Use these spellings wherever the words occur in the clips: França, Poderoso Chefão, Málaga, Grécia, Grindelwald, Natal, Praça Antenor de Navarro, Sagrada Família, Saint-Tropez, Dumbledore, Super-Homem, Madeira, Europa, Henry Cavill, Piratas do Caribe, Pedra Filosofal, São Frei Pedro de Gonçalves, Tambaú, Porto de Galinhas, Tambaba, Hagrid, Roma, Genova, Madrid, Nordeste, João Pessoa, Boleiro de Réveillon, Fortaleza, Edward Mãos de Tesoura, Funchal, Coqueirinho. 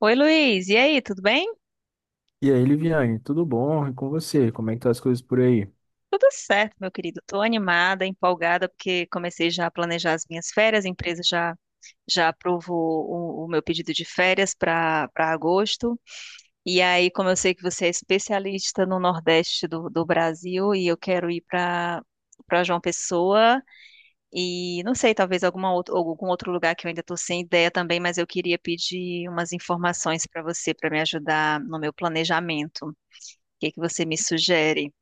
Oi, Luiz. E aí, tudo bem? E aí, Liviane, tudo bom? E com você? Como é que tá as coisas por aí? Tudo certo, meu querido. Estou animada, empolgada, porque comecei já a planejar as minhas férias. A empresa já aprovou o meu pedido de férias para agosto. E aí, como eu sei que você é especialista no Nordeste do Brasil e eu quero ir para João Pessoa e não sei, talvez alguma outra, algum outro lugar que eu ainda estou sem ideia também, mas eu queria pedir umas informações para você para me ajudar no meu planejamento. O que que você me sugere?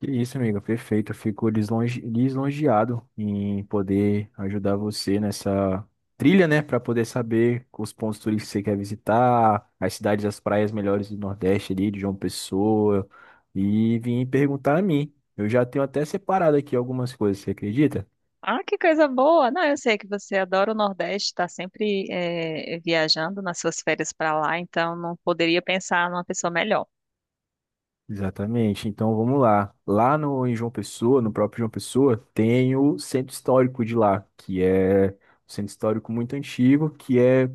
Que isso, amiga, perfeito. Eu fico lisonjeado em poder ajudar você nessa trilha, né? Para poder saber os pontos turísticos que você quer visitar, as cidades, as praias melhores do Nordeste ali, de João Pessoa, e vir perguntar a mim. Eu já tenho até separado aqui algumas coisas, você acredita? Ah, que coisa boa! Não, eu sei que você adora o Nordeste, está sempre viajando nas suas férias para lá, então não poderia pensar numa pessoa melhor. Exatamente. Então vamos lá. Lá em João Pessoa, no próprio João Pessoa, tem o centro histórico de lá, que é um centro histórico muito antigo, que é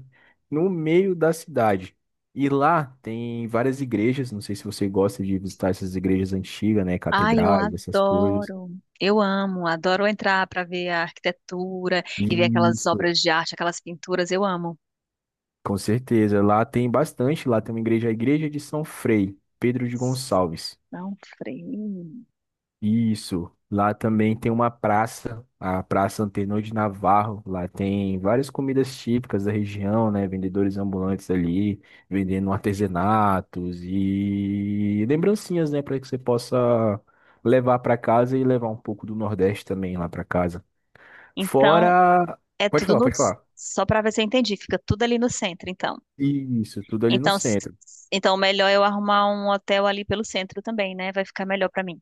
no meio da cidade. E lá tem várias igrejas, não sei se você gosta de visitar essas igrejas antigas, né, Ai, eu catedrais, essas coisas. adoro! Eu amo, adoro entrar para ver a arquitetura e ver aquelas Isso. obras de arte, aquelas pinturas, eu amo. Com certeza, lá tem bastante, lá tem uma igreja, a igreja de São Frei Pedro de Gonçalves. Não freio. Isso. Lá também tem uma praça, a Praça Antenor de Navarro. Lá tem várias comidas típicas da região, né? Vendedores ambulantes ali, vendendo artesanatos e lembrancinhas, né? Para que você possa levar para casa e levar um pouco do Nordeste também lá para casa. Então, Fora. é Pode tudo falar, no. pode falar. Só para ver se eu entendi, fica tudo ali no centro, então. Isso, tudo ali no Então, centro. então melhor eu arrumar um hotel ali pelo centro também, né? Vai ficar melhor para mim.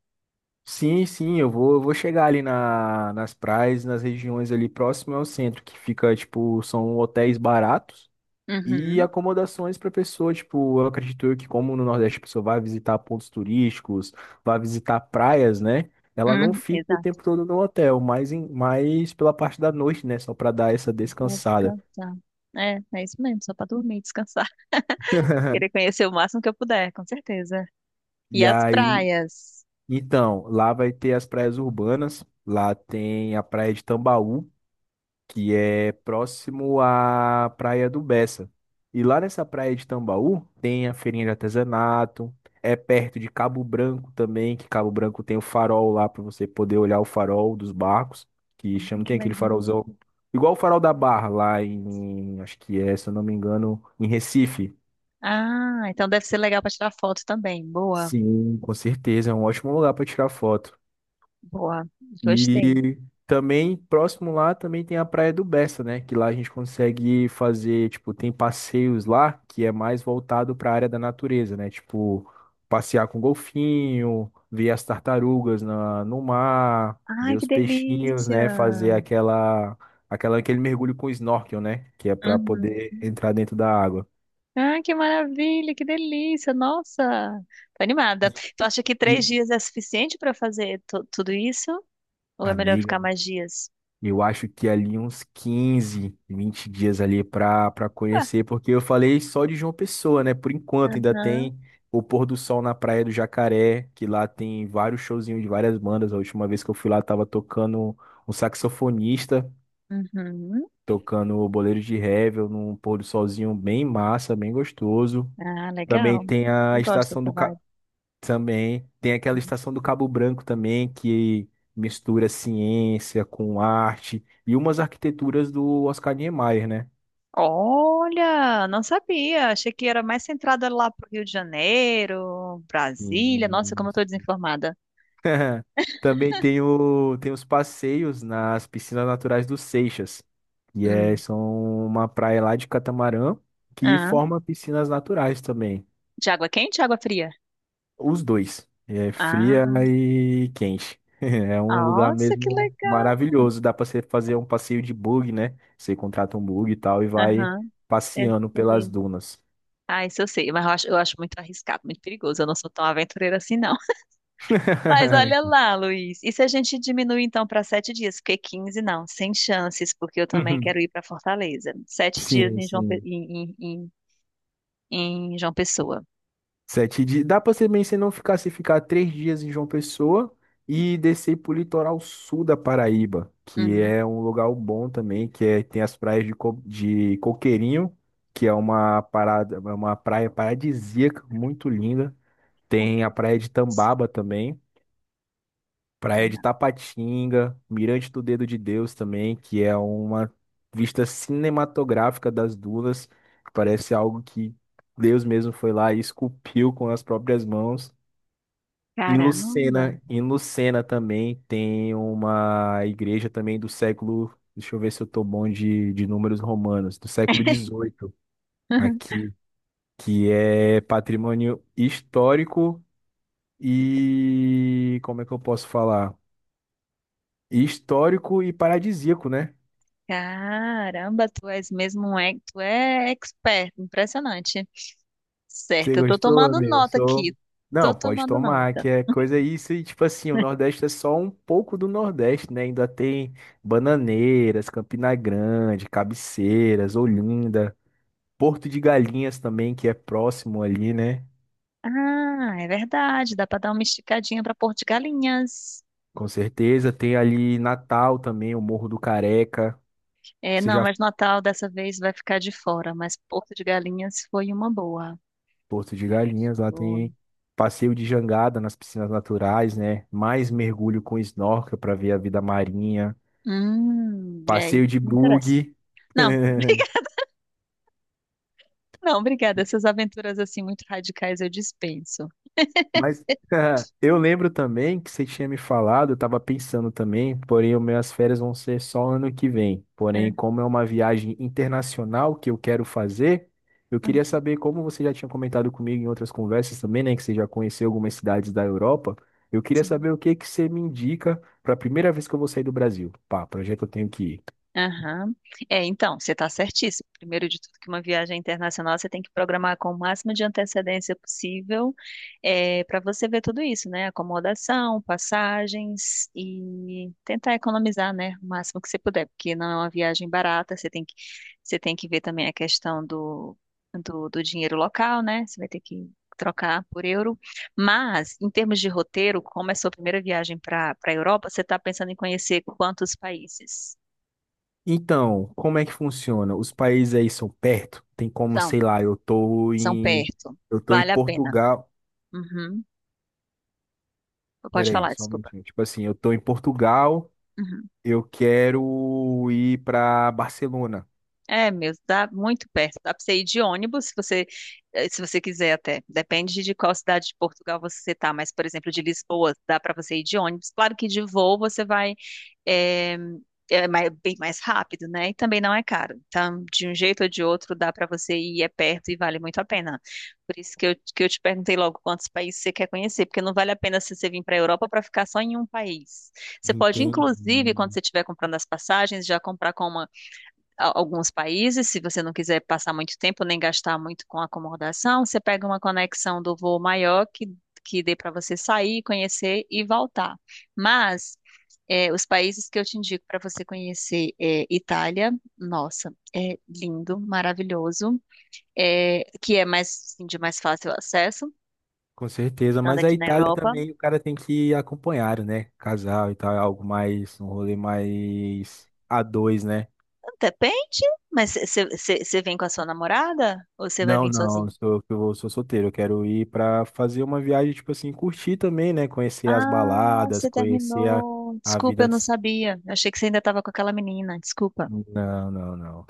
Sim, sim, eu vou chegar ali nas praias, nas regiões ali próximas ao centro, que fica, tipo, são hotéis baratos. E Uhum. acomodações para pessoa, tipo, eu acredito eu que como no Nordeste a pessoa vai visitar pontos turísticos, vai visitar praias, né? Ela não fica o Exato, tempo todo no hotel, mas, mas pela parte da noite, né? Só para dar essa pra descansada. descansar. É, é isso mesmo, só pra dormir, descansar. Querer conhecer o máximo que eu puder, com certeza. E E as aí, praias. então, lá vai ter as praias urbanas, lá tem a praia de Tambaú, que é próximo à Praia do Bessa. E lá nessa praia de Tambaú tem a feirinha de artesanato, é perto de Cabo Branco também, que Cabo Branco tem o farol lá para você poder olhar o farol dos barcos, que Ai, chama, que tem aquele legal. farolzão, igual o farol da Barra lá em, acho que é, se eu não me engano, em Recife. Ah, então deve ser legal pra tirar foto também. Boa, Sim, com certeza, é um ótimo lugar para tirar foto. boa. Gostei. E também, próximo lá, também tem a Praia do Bessa, né? Que lá a gente consegue fazer, tipo, tem passeios lá que é mais voltado para a área da natureza, né? Tipo, passear com golfinho, ver as tartarugas no mar, ver Ai, que os peixinhos, delícia. né? Fazer aquela, aquele mergulho com snorkel, né? Que é para Uhum. poder entrar dentro da água. Ai, que maravilha, que delícia. Nossa, tô animada. Tu acha que E, e- três dias é suficiente pra fazer tudo isso? Ou é melhor ficar Amiga, mais dias? eu acho que é ali uns 15, 20 dias ali para Ah, conhecer, porque eu falei só de João Pessoa, né? Por enquanto ainda aham. tem o pôr do sol na Praia do Jacaré, que lá tem vários showzinhos de várias bandas. A última vez que eu fui lá tava tocando um saxofonista, Uhum. tocando o Boleiro de Réveillon, num pôr do solzinho bem massa, bem gostoso. Ah, Também legal. tem Eu a gosto estação dessa do vibe. Também tem aquela estação do Cabo Branco também, que mistura ciência com arte e umas arquiteturas do Oscar Niemeyer, né? Olha, não sabia. Achei que era mais centrada lá pro Rio de Janeiro, Brasília. Nossa, como eu tô E- desinformada. Também tem, tem os passeios nas piscinas naturais dos Seixas, que é, Hum. são uma praia lá de catamarã que Ah, forma piscinas naturais também. de água quente ou água fria? Os dois. É fria Ah, e quente. É um lugar nossa, que mesmo legal. maravilhoso. Dá para você fazer um passeio de bug, né? Você contrata um bug e tal e vai Aham, eu passeando pelas sei. dunas. Ah, isso eu sei, mas eu acho muito arriscado, muito perigoso. Eu não sou tão aventureira assim, não. Mas olha lá, Luiz. E se a gente diminuir então para sete dias? Porque 15? Não, sem chances, porque eu também quero ir para Fortaleza. Sete dias Sim, em João, sim. Em João Pessoa. Sete dias. Dá pra ser bem se não ficar se ficar três dias em João Pessoa e descer pro litoral sul da Paraíba, que Hum, é um lugar bom também, que é, tem as praias de, de Coqueirinho, que é uma parada, é uma praia paradisíaca, muito linda. por Tem a que praia de isso? Tambaba também, praia de Tapatinga, Mirante do Dedo de Deus também, que é uma vista cinematográfica das dunas. Que parece algo que Deus mesmo foi lá e esculpiu com as próprias mãos. Caramba! Em Lucena também tem uma igreja também do século, deixa eu ver se eu tô bom de números romanos, do século XVIII aqui, que é patrimônio histórico e como é que eu posso falar? Histórico e paradisíaco, né? Caramba, tu és mesmo tu é expert, impressionante. Você Certo, eu tô gostou, tomando amigo? nota Sou. aqui. Não, Tô pode tomando tomar, nota. que é coisa isso. E tipo assim, o Nordeste é só um pouco do Nordeste, né? Ainda tem Bananeiras, Campina Grande, Cabeceiras, Olinda, Porto de Galinhas também, que é próximo ali, né? Ah, é verdade, dá para dar uma esticadinha para Porto de Galinhas. Com certeza. Tem ali Natal também, o Morro do Careca. É, Você não, já foi mas Natal dessa vez vai ficar de fora, mas Porto de Galinhas foi uma boa. em Porto de Galinhas, lá Foi. tem passeio de jangada nas piscinas naturais, né? Mais mergulho com snorkel para ver a vida marinha. É, isso Passeio de me interessa. bug. Não, não, obrigada. Essas aventuras assim muito radicais eu dispenso. Mas eu lembro também que você tinha me falado, eu estava pensando também, porém, as minhas férias vão ser só ano que vem. É, Porém, como é uma viagem internacional que eu quero fazer, eu queria hum, saber como você já tinha comentado comigo em outras conversas também, né, que você já conheceu algumas cidades da Europa. Eu queria sim. saber o que que você me indica para a primeira vez que eu vou sair do Brasil. Pá, para onde é que eu tenho que ir? Aham. É, então, você está certíssimo. Primeiro de tudo, que uma viagem internacional você tem que programar com o máximo de antecedência possível, para você ver tudo isso, né? Acomodação, passagens e tentar economizar, né? O máximo que você puder, porque não é uma viagem barata, você tem que ver também a questão do dinheiro local, né? Você vai ter que trocar por euro. Mas, em termos de roteiro, como é sua primeira viagem para a Europa, você está pensando em conhecer quantos países? Então, como é que funciona? Os países aí são perto? Tem como, sei lá, São perto. eu tô em Vale a pena. Portugal. Uhum. Pode Peraí, falar, só um desculpa. minutinho. Tipo assim, eu tô em Portugal, Uhum. eu quero ir pra Barcelona. É mesmo, dá muito perto. Dá pra você ir de ônibus, se você quiser até. Depende de qual cidade de Portugal você tá, mas, por exemplo, de Lisboa, dá pra você ir de ônibus. Claro que de voo você vai. eh, Bem mais rápido, né? E também não é caro. Então, de um jeito ou de outro, dá para você ir, é perto e vale muito a pena. Por isso que eu, te perguntei logo quantos países você quer conhecer, porque não vale a pena se você vir para a Europa para ficar só em um país. Você pode, Entendi. inclusive, quando você estiver comprando as passagens, já comprar com alguns países, se você não quiser passar muito tempo nem gastar muito com acomodação, você pega uma conexão do voo maior que dê para você sair, conhecer e voltar. Mas é, os países que eu te indico para você conhecer é Itália, nossa, é lindo, maravilhoso, que é mais assim, de mais fácil acesso, Com certeza, estando mas a aqui na Itália Europa. também o cara tem que ir acompanhado, né? Casal e tal, é algo mais, um rolê mais a dois, né? Depende, mas você vem com a sua namorada ou você vai Não, vir não, sozinho? Eu sou solteiro, eu quero ir pra fazer uma viagem, tipo assim, curtir também, né? Conhecer as Ah, baladas, você conhecer terminou. a Desculpa, vida. eu não sabia. Eu achei que você ainda estava com aquela menina. Desculpa. Não, não, não.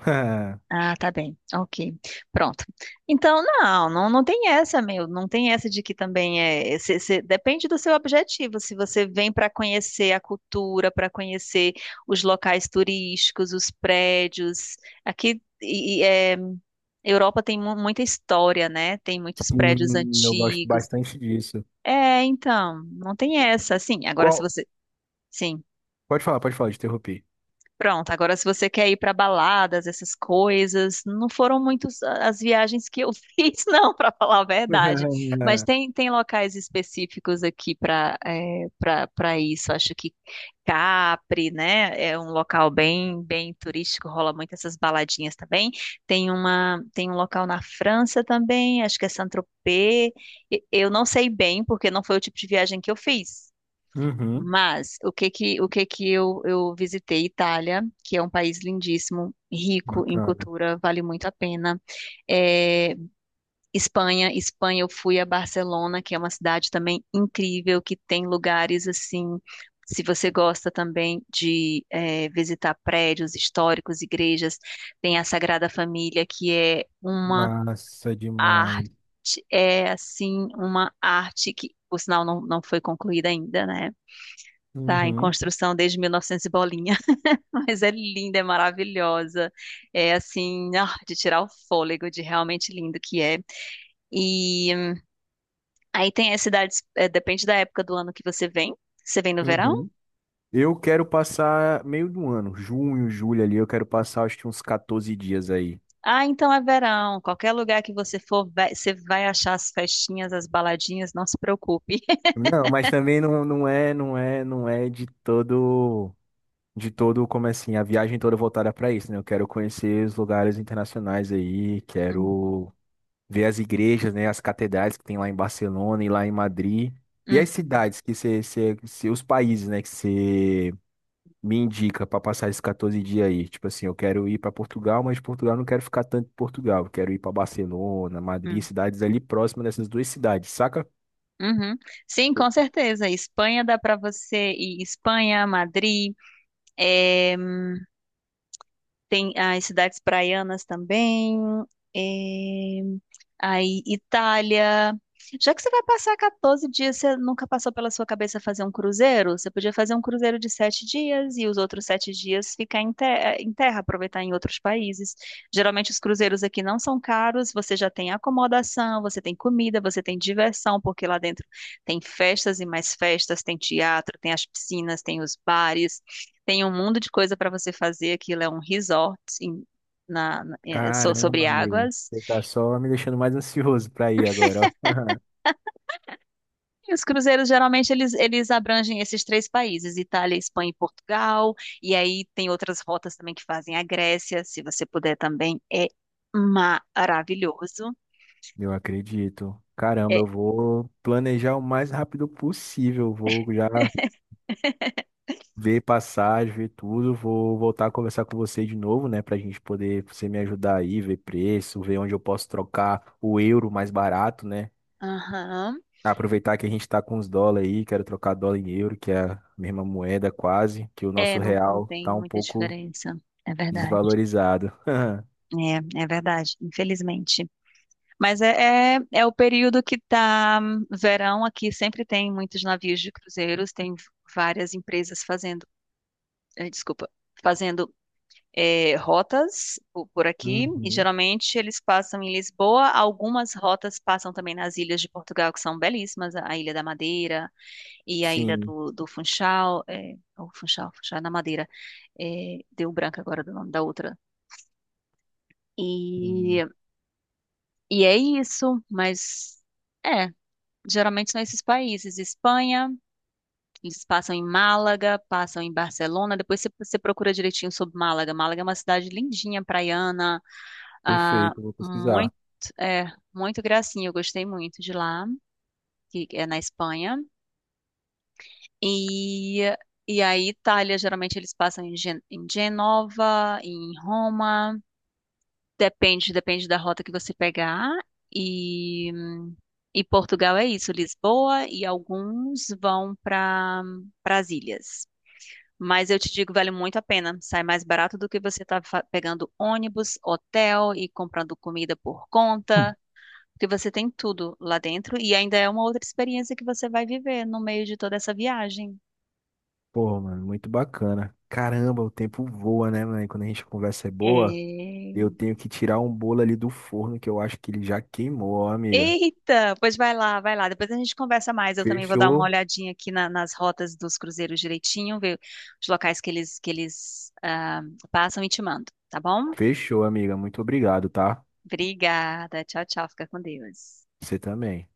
Ah, tá bem. Ok. Pronto. Então, não, não, não tem essa, meu. Não tem essa de que também é. Depende do seu objetivo. Se você vem para conhecer a cultura, para conhecer os locais turísticos, os prédios. Aqui, Europa tem muita história, né? Tem muitos prédios Sim, eu gosto antigos. bastante disso. É, então, não tem essa. Sim, agora se Qual? você. Sim. Pode falar, te interrompi. Pronto, agora se você quer ir para baladas, essas coisas, não foram muitas as viagens que eu fiz, não, para falar a verdade. Mas tem locais específicos aqui para isso. Acho que Capri, né, é um local bem bem turístico, rola muito essas baladinhas também. Tem uma tem um local na França também, acho que é Saint-Tropez. Eu não sei bem, porque não foi o tipo de viagem que eu fiz. Uhum, Mas o que que eu visitei Itália, que é um país lindíssimo, rico em bacana. cultura, vale muito a pena. É, Espanha eu fui a Barcelona, que é uma cidade também incrível, que tem lugares assim. Se você gosta também de visitar prédios históricos, igrejas, tem a Sagrada Família, que é uma Massa demais. arte, é assim, uma arte que, por sinal, não, não foi concluída ainda, né? Tá em Uhum, construção desde 1900 e novecentos e bolinha, mas é linda, é maravilhosa. É assim, ah, de tirar o fôlego, de realmente lindo que é. E hum, Aí tem as cidades, depende da época do ano que você vem. Você vem no verão? uhum. Eu quero passar meio do ano, junho, julho ali, eu quero passar acho que uns 14 dias aí. Ah, então é verão. Qualquer lugar que você for, você vai achar as festinhas, as baladinhas, não se preocupe. Não, mas também não, não é de todo, como é assim, a viagem toda voltada para isso, né? Eu quero conhecer os lugares internacionais aí, quero ver as igrejas, né, as catedrais que tem lá em Barcelona e lá em Madrid. E Uhum, as uhum, cidades que os países, né, que você me indica para passar esses 14 dias aí. Tipo assim, eu quero ir para Portugal, mas de Portugal eu não quero ficar tanto em Portugal. Eu quero ir para Barcelona, Madrid, uhum, cidades ali próximas dessas duas cidades, saca? uhum. Sim, com certeza. Espanha dá para você ir Espanha, Madrid. é, Tem as cidades praianas também. É, Aí, Itália. Já que você vai passar 14 dias, você nunca passou pela sua cabeça fazer um cruzeiro? Você podia fazer um cruzeiro de sete dias e os outros sete dias ficar em, em terra, aproveitar em outros países. Geralmente os cruzeiros aqui não são caros, você já tem acomodação, você tem comida, você tem diversão, porque lá dentro tem festas e mais festas, tem teatro, tem as piscinas, tem os bares, tem um mundo de coisa para você fazer. Aquilo é um resort sobre Caramba, amigo. águas. Você tá só me deixando mais ansioso pra ir agora, ó. E os cruzeiros geralmente eles abrangem esses três países, Itália, Espanha e Portugal, e aí tem outras rotas também que fazem a Grécia, se você puder também, é maravilhoso. Eu acredito. Caramba, É, eu vou planejar o mais rápido possível. Vou já ver passagem, ver tudo. Vou voltar a conversar com você de novo, né? Pra gente poder você me ajudar aí, ver preço, ver onde eu posso trocar o euro mais barato, né? aham. Aproveitar que a gente tá com os dólares aí, quero trocar dólar em euro, que é a mesma moeda quase, que o É, nosso não, não real tem tá um muita pouco diferença, é verdade. desvalorizado. É, é verdade, infelizmente. Mas é o período que tá verão aqui, sempre tem muitos navios de cruzeiros, tem várias empresas fazendo, desculpa, fazendo rotas por aqui, e Uhum. geralmente eles passam em Lisboa. Algumas rotas passam também nas ilhas de Portugal, que são belíssimas, a Ilha da Madeira e a Ilha Sim, do Funchal, o Funchal na Madeira, deu branco agora do nome da outra. hum, E, e é isso, mas é, geralmente são esses países, Espanha. Eles passam em Málaga, passam em Barcelona. Depois você procura direitinho sobre Málaga. Málaga é uma cidade lindinha, praiana, ah, perfeito, eu vou muito, pesquisar. é, muito gracinha, eu gostei muito de lá, que é na Espanha. E, e a Itália, geralmente eles passam em, Gen em Genova, em Roma, depende da rota que você pegar. E, e Portugal é isso, Lisboa, e alguns vão para as ilhas. Mas eu te digo, vale muito a pena. Sai mais barato do que você tá pegando ônibus, hotel e comprando comida por conta. Porque você tem tudo lá dentro e ainda é uma outra experiência que você vai viver no meio de toda essa viagem. Pô, mano, muito bacana. Caramba, o tempo voa, né, mano? Quando a gente conversa é boa. Eu É. tenho que tirar um bolo ali do forno que eu acho que ele já queimou, ó, amiga. Eita, pois vai lá, vai lá. Depois a gente conversa mais. Eu também vou dar uma Fechou, olhadinha aqui nas rotas dos cruzeiros direitinho, ver os locais que eles passam e te mando, tá bom? fechou, amiga. Muito obrigado, tá? Obrigada. Tchau, tchau. Fica com Deus. Você também.